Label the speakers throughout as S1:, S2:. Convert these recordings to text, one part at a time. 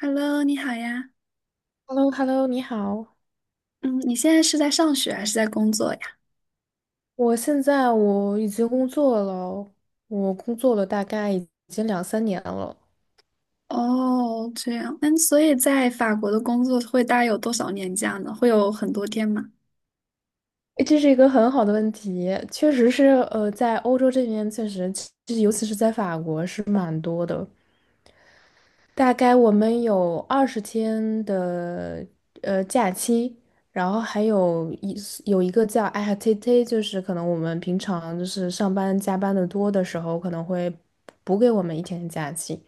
S1: Hello，你好呀。
S2: Hello Hello 你好。
S1: 嗯，你现在是在上学还是在工作呀？
S2: 我现在我已经工作了，我工作了大概已经两三年了。
S1: 哦，这样。嗯，所以在法国的工作会大概有多少年假呢？会有很多天吗？
S2: 诶，这是一个很好的问题，确实是，在欧洲这边确实，就是尤其是在法国是蛮多的。大概我们有20天的假期，然后还有一个叫 IHTT， 就是可能我们平常就是上班加班的多的时候，可能会补给我们一天的假期，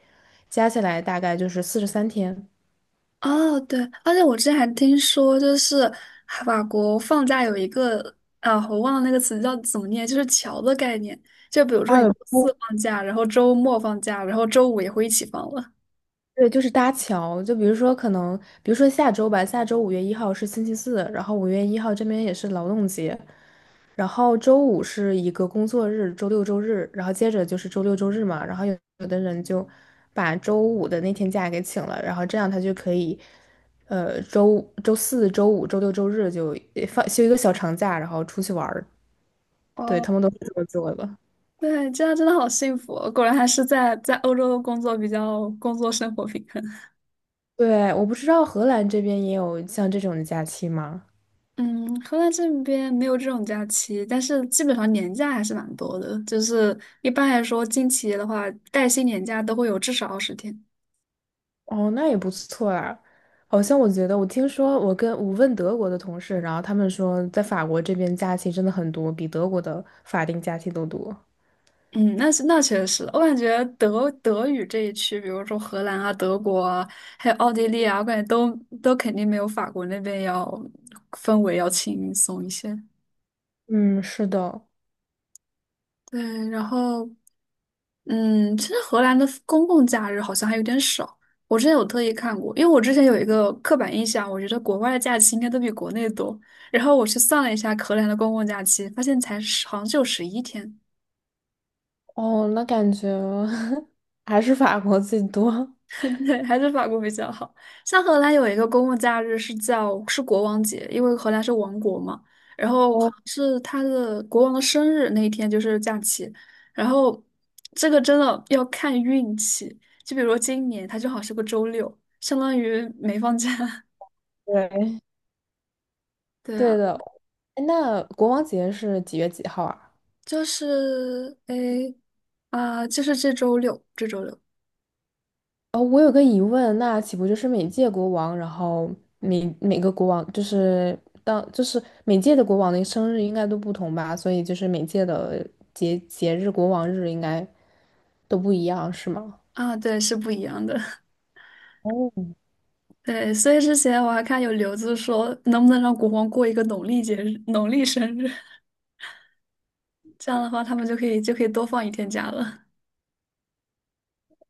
S2: 加起来大概就是43天。
S1: 哦，对，而且我之前还听说，就是法国放假有一个啊，我忘了那个词叫怎么念，就是"桥"的概念。就比如说
S2: 阿
S1: 你周
S2: 尔
S1: 四放假，然后周末放假，然后周五也会一起放了。
S2: 对，就是搭桥。就比如说可能，比如说下周吧，下周五月一号是星期四，然后五月一号这边也是劳动节，然后周五是一个工作日，周六周日，然后接着就是周六周日嘛，然后有的人就把周五的那天假给请了，然后这样他就可以，周四周五周六周日就放休一个小长假，然后出去玩儿。对，
S1: 哦，
S2: 他们都是这么做的。
S1: 对，这样真的好幸福哦果然还是在欧洲工作比较工作生活平衡。
S2: 对，我不知道荷兰这边也有像这种的假期吗？
S1: 嗯，荷兰这边没有这种假期，但是基本上年假还是蛮多的。就是一般来说，进企业的话，带薪年假都会有至少20天。
S2: 哦，那也不错啊。好像我觉得，我听说我问德国的同事，然后他们说，在法国这边假期真的很多，比德国的法定假期都多。
S1: 嗯，那确实，我感觉德语这一区，比如说荷兰啊、德国啊，还有奥地利啊，我感觉都肯定没有法国那边要氛围要轻松一些。
S2: 嗯，是的。
S1: 对，然后。嗯，其实荷兰的公共假日好像还有点少。我之前有特意看过，因为我之前有一个刻板印象，我觉得国外的假期应该都比国内多。然后我去算了一下荷兰的公共假期，发现才十好像就11天。
S2: 哦，那感觉 还是法国最多。
S1: 对，还是法国比较好。像荷兰有一个公共假日是叫是国王节，因为荷兰是王国嘛，然后好
S2: 哦，
S1: 像是他的国王的生日那一天就是假期。然后这个真的要看运气，就比如说今年它正好是个周六，相当于没放假。
S2: 对，
S1: 对
S2: 对
S1: 啊，
S2: 的。哎，那国王节是几月几号啊？
S1: 就是诶就是这周六，这周六
S2: 哦，我有个疑问，那岂不就是每届国王，然后每个国王就是当就是每届的国王的生日应该都不同吧？所以就是每届的节日国王日应该都不一样，是吗？
S1: 啊，对，是不一样的。
S2: 哦，
S1: 对，所以之前我还看有留子说，能不能让国王过一个农历节日、农历生日。这样的话，他们就可以多放一天假了。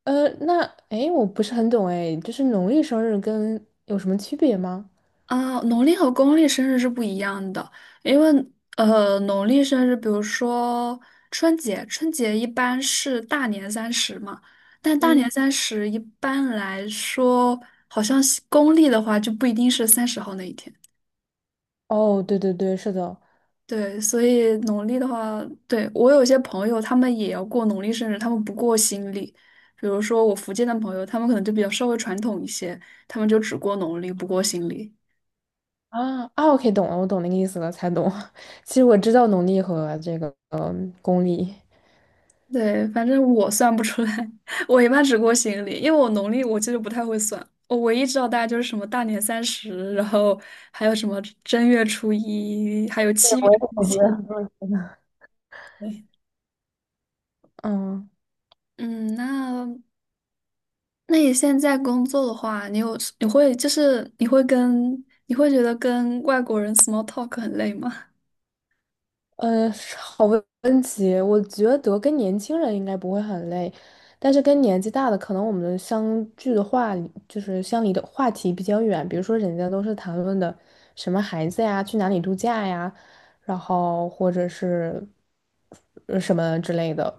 S2: 呃，那诶，我不是很懂诶，就是农历生日跟有什么区别吗？
S1: 啊，农历和公历生日是不一样的，因为农历生日，比如说春节一般是大年三十嘛，但大年
S2: 嗯，
S1: 三十一般来说，好像是公历的话就不一定是30号那一天。
S2: 哦，对对对，是的。
S1: 对，所以农历的话，对，我有些朋友他们也要过农历生日，他们不过新历。比如说我福建的朋友，他们可能就比较稍微传统一些，他们就只过农历，不过新历。
S2: 啊啊，OK,懂了，我懂那个意思了，才懂。其实我知道农历和这个公历，
S1: 对，反正我算不出来，我一般只过行历，因为我农历我其实不太会算，我唯一知道大概就是什么大年三十，然后还有什么正月初一，还有七月初七对
S2: 嗯。
S1: 嗯，那你现在工作的话，你有你会就是你会跟你会觉得跟外国人 small talk 很累吗？
S2: 嗯，好问题，我觉得跟年轻人应该不会很累，但是跟年纪大的，可能我们相聚的话，就是相离的话题比较远，比如说人家都是谈论的什么孩子呀，去哪里度假呀，然后或者是什么之类的，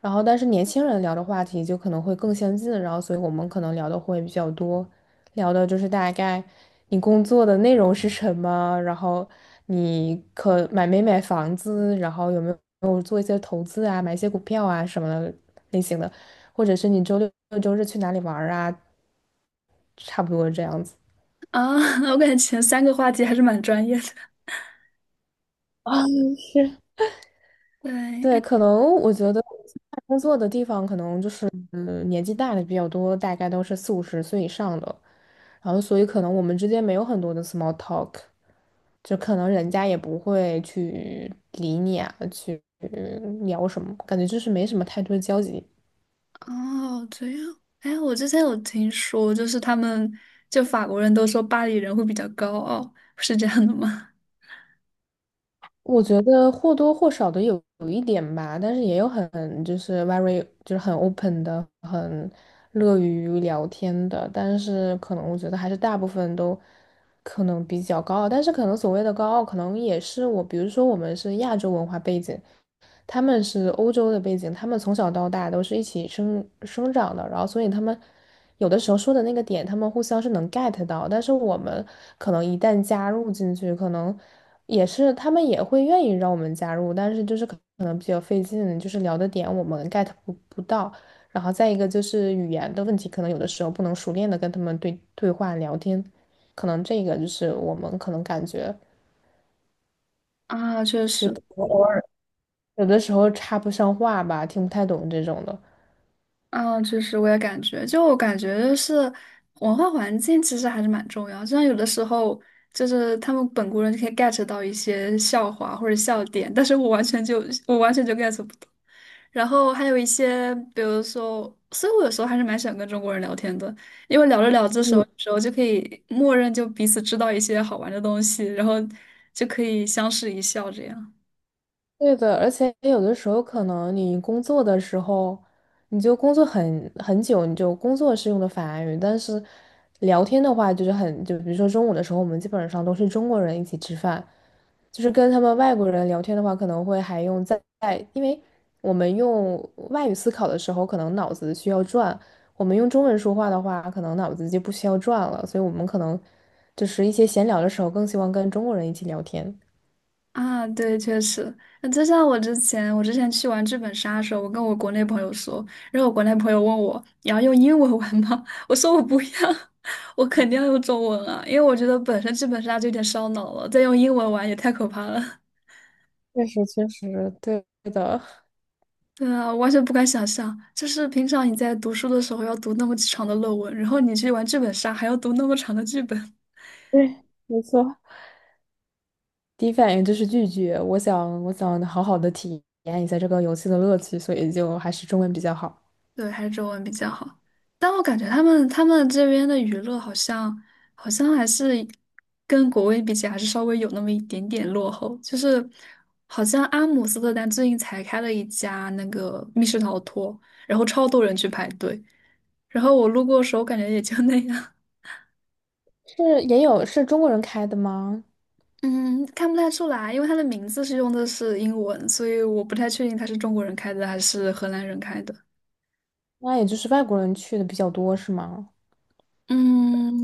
S2: 然后但是年轻人聊的话题就可能会更相近，然后所以我们可能聊的会比较多。聊的就是大概你工作的内容是什么，然后你可买没买房子，然后有没有做一些投资啊，买一些股票啊什么的类型的，或者是你周六周日去哪里玩儿啊，差不多这样子。
S1: 啊，我感觉前3个话题还是蛮专业的。
S2: 啊，是，对，
S1: 对，
S2: 可能我觉得我现在工作的地方可能就是，嗯，年纪大的比较多，大概都是四五十岁以上的，然后所以可能我们之间没有很多的 small talk,就可能人家也不会去理你啊，去聊什么，感觉就是没什么太多的交集。
S1: 哦，这样。哎，我之前有听说，就是他们就法国人都说巴黎人会比较高傲，是这样的吗？
S2: 我觉得或多或少的有一点吧，但是也有很就是 very 就是很 open 的，很乐于聊天的，但是可能我觉得还是大部分都可能比较高傲，但是可能所谓的高傲，可能也是我，比如说我们是亚洲文化背景，他们是欧洲的背景，他们从小到大都是一起生长的，然后所以他们有的时候说的那个点，他们互相是能 get 到，但是我们可能一旦加入进去，可能也是他们也会愿意让我们加入，但是就是可能比较费劲，就是聊的点我们 get 不到，然后再一个就是语言的问题，可能有的时候不能熟练的跟他们对话聊天，可能这个就是我们可能感觉
S1: 啊，确实，
S2: 就有的时候插不上话吧，听不太懂这种的。
S1: 啊，确实，我也感觉，就我感觉就是文化环境其实还是蛮重要。就像有的时候，就是他们本国人就可以 get 到一些笑话或者笑点，但是我完全就 get 不到。然后还有一些，比如说，所以我有时候还是蛮喜欢跟中国人聊天的，因为聊着聊着的时候，
S2: 嗯。
S1: 有时候就可以默认就彼此知道一些好玩的东西，然后就可以相视一笑这样。
S2: 对的，而且有的时候可能你工作的时候，你就工作很久，你就工作是用的法语，但是聊天的话就是很，就比如说中午的时候，我们基本上都是中国人一起吃饭，就是跟他们外国人聊天的话，可能会还用在，因为我们用外语思考的时候，可能脑子需要转，我们用中文说话的话，可能脑子就不需要转了，所以我们可能就是一些闲聊的时候，更希望跟中国人一起聊天。
S1: 啊，对，确实，那就像我之前去玩剧本杀的时候，我跟我国内朋友说，然后我国内朋友问我，你要用英文玩吗？我说我不要，我肯定要用中文啊，因为我觉得本身剧本杀就有点烧脑了，再用英文玩也太可怕了。
S2: 确实，确实，对的。
S1: 对啊，我完全不敢想象，就是平常你在读书的时候要读那么长的论文，然后你去玩剧本杀还要读那么长的剧本。
S2: 对，没错。第一反应就是拒绝。我想，我想好好的体验一下这个游戏的乐趣，所以就还是中文比较好。
S1: 对，还是中文比较好。但我感觉他们这边的娱乐好像还是跟国内比起来还是稍微有那么一点点落后，就是好像阿姆斯特丹最近才开了一家那个密室逃脱，然后超多人去排队，然后我路过的时候感觉也就那样。
S2: 是也有是中国人开的吗？
S1: 嗯，看不太出来，因为他的名字用的是英文，所以我不太确定他是中国人开的还是荷兰人开的。
S2: 那也就是外国人去的比较多，是吗？
S1: 嗯，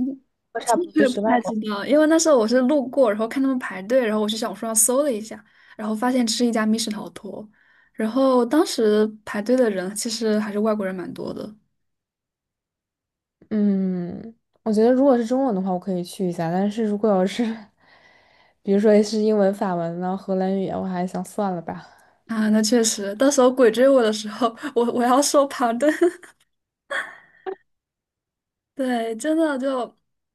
S2: 我
S1: 其
S2: 差
S1: 实
S2: 不多
S1: 我
S2: 都
S1: 也不
S2: 是外
S1: 太知
S2: 国
S1: 道，因为那时候我是路过，然后看他们排队，然后我去小红书上搜了一下，然后发现这是一家密室逃脱，然后当时排队的人其实还是外国人蛮多的
S2: 人，嗯，我觉得如果是中文的话，我可以去一下。但是如果要是，比如说是英文、法文呢、荷兰语啊我还想算了吧。
S1: 啊。那确实，到时候鬼追我的时候，我要说旁队。对，真的就，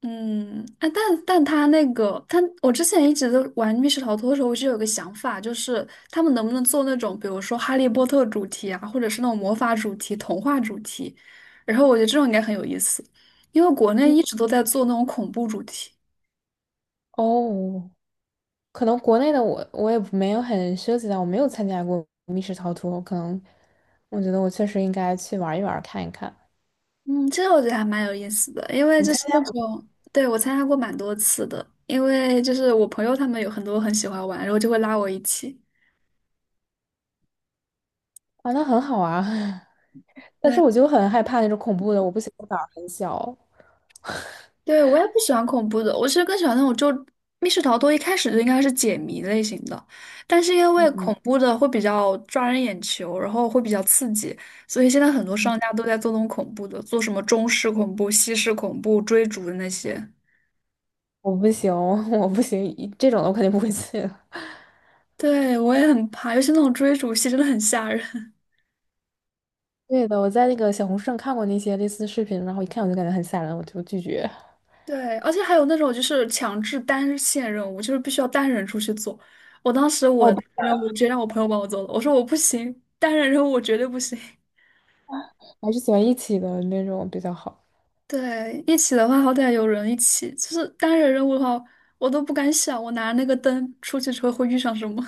S1: 嗯，哎，但他那个，他我之前一直都玩密室逃脱的时候，我就有个想法，就是他们能不能做那种，比如说哈利波特主题啊，或者是那种魔法主题、童话主题，然后我觉得这种应该很有意思，因为国内
S2: 嗯，
S1: 一直都在做那种恐怖主题，
S2: 哦，可能国内的我也没有很涉及到，我没有参加过密室逃脱，可能我觉得我确实应该去玩一玩看一看。
S1: 嗯，这个我觉得还蛮有意思的，因为
S2: 你
S1: 就
S2: 参
S1: 是
S2: 加
S1: 那种，对，我参加过蛮多次的，因为就是我朋友他们有很多很喜欢玩，然后就会拉我一起。
S2: 啊，那很好啊，但是
S1: 对。
S2: 我就很害怕那种恐怖的，我不行，我胆儿很小，
S1: 对，我也不喜欢恐怖的，我其实更喜欢那种就密室逃脱，一开始就应该是解谜类型的，但是因为恐怖的会比较抓人眼球，然后会比较刺激，所以现在很多商家
S2: 嗯，
S1: 都在做那种恐怖的，做什么中式恐怖、西式恐怖、追逐的那些。
S2: 我不行，我不行，这种的我肯定不会去的。
S1: 对，我也很怕，尤其那种追逐戏真的很吓人。
S2: 对的，我在那个小红书上看过那些类似的视频，然后一看我就感觉很吓人，我就拒绝。
S1: 对，而且还有那种就是强制单线任务，就是必须要单人出去做。我当时
S2: 哦，
S1: 我
S2: 我
S1: 的任务直接让我朋友帮我做了，我说我不行，单人任务我绝对不行。
S2: 还是喜欢一起的那种比较好。
S1: 对，一起的话，好歹有人一起。就是单人任务的话，我都不敢想，我拿那个灯出去之后会遇上什么。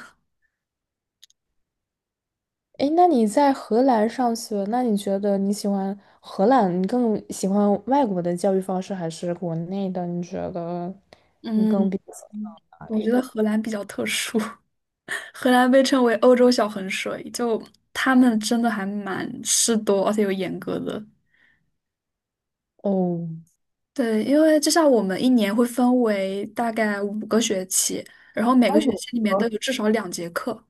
S2: 诶，那你在荷兰上学，那你觉得你喜欢荷兰，你更喜欢外国的教育方式还是国内的？你觉得 你更
S1: 嗯，
S2: 比较喜欢哪
S1: 我
S2: 里
S1: 觉得
S2: 的？
S1: 荷兰比较特殊，荷兰被称为欧洲小衡水，就他们真的还蛮事多，而且有严格的。
S2: 哦，
S1: 对，因为就像我们一年会分为大概五个学期，然后每
S2: 啊，
S1: 个学
S2: 我
S1: 期里面都有至少两节课，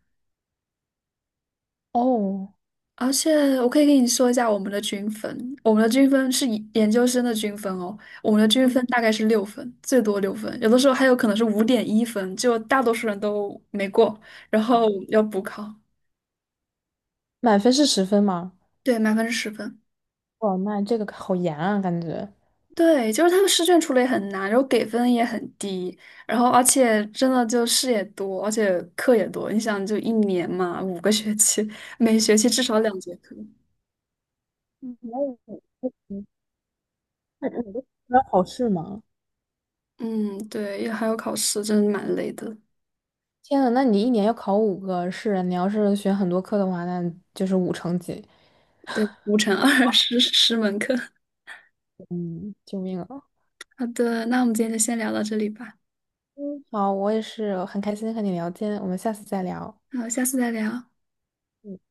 S2: 哦，
S1: 而且我可以跟你说一下我们的均分，是以研究生的均分哦，我们的均
S2: 嗯，
S1: 分大概是六分，最多六分，有的时候还有可能是5.1分，就大多数人都没过，然后
S2: 啊，
S1: 要补考。
S2: 满分是10分吗？
S1: 对，满分是10分。
S2: 哇，那这个好严啊，感觉。
S1: 对，就是他们试卷出的也很难，然后给分也很低，然后而且真的就事也多，而且课也多。你想，就一年嘛，五个学期，每学期至少两节课。
S2: 那考试吗？
S1: 嗯，对，也还有考试，真的蛮累的。
S2: 天呐，那你一年要考五个试，你要是选很多课的话，那就是五成几。
S1: 对，5乘2010门课。
S2: 嗯，救命啊！
S1: 好的，那我们今天就先聊到这里吧，
S2: 嗯，好，我也是很开心和你聊天，我们下次再聊。
S1: 好，下次再聊。
S2: 嗯。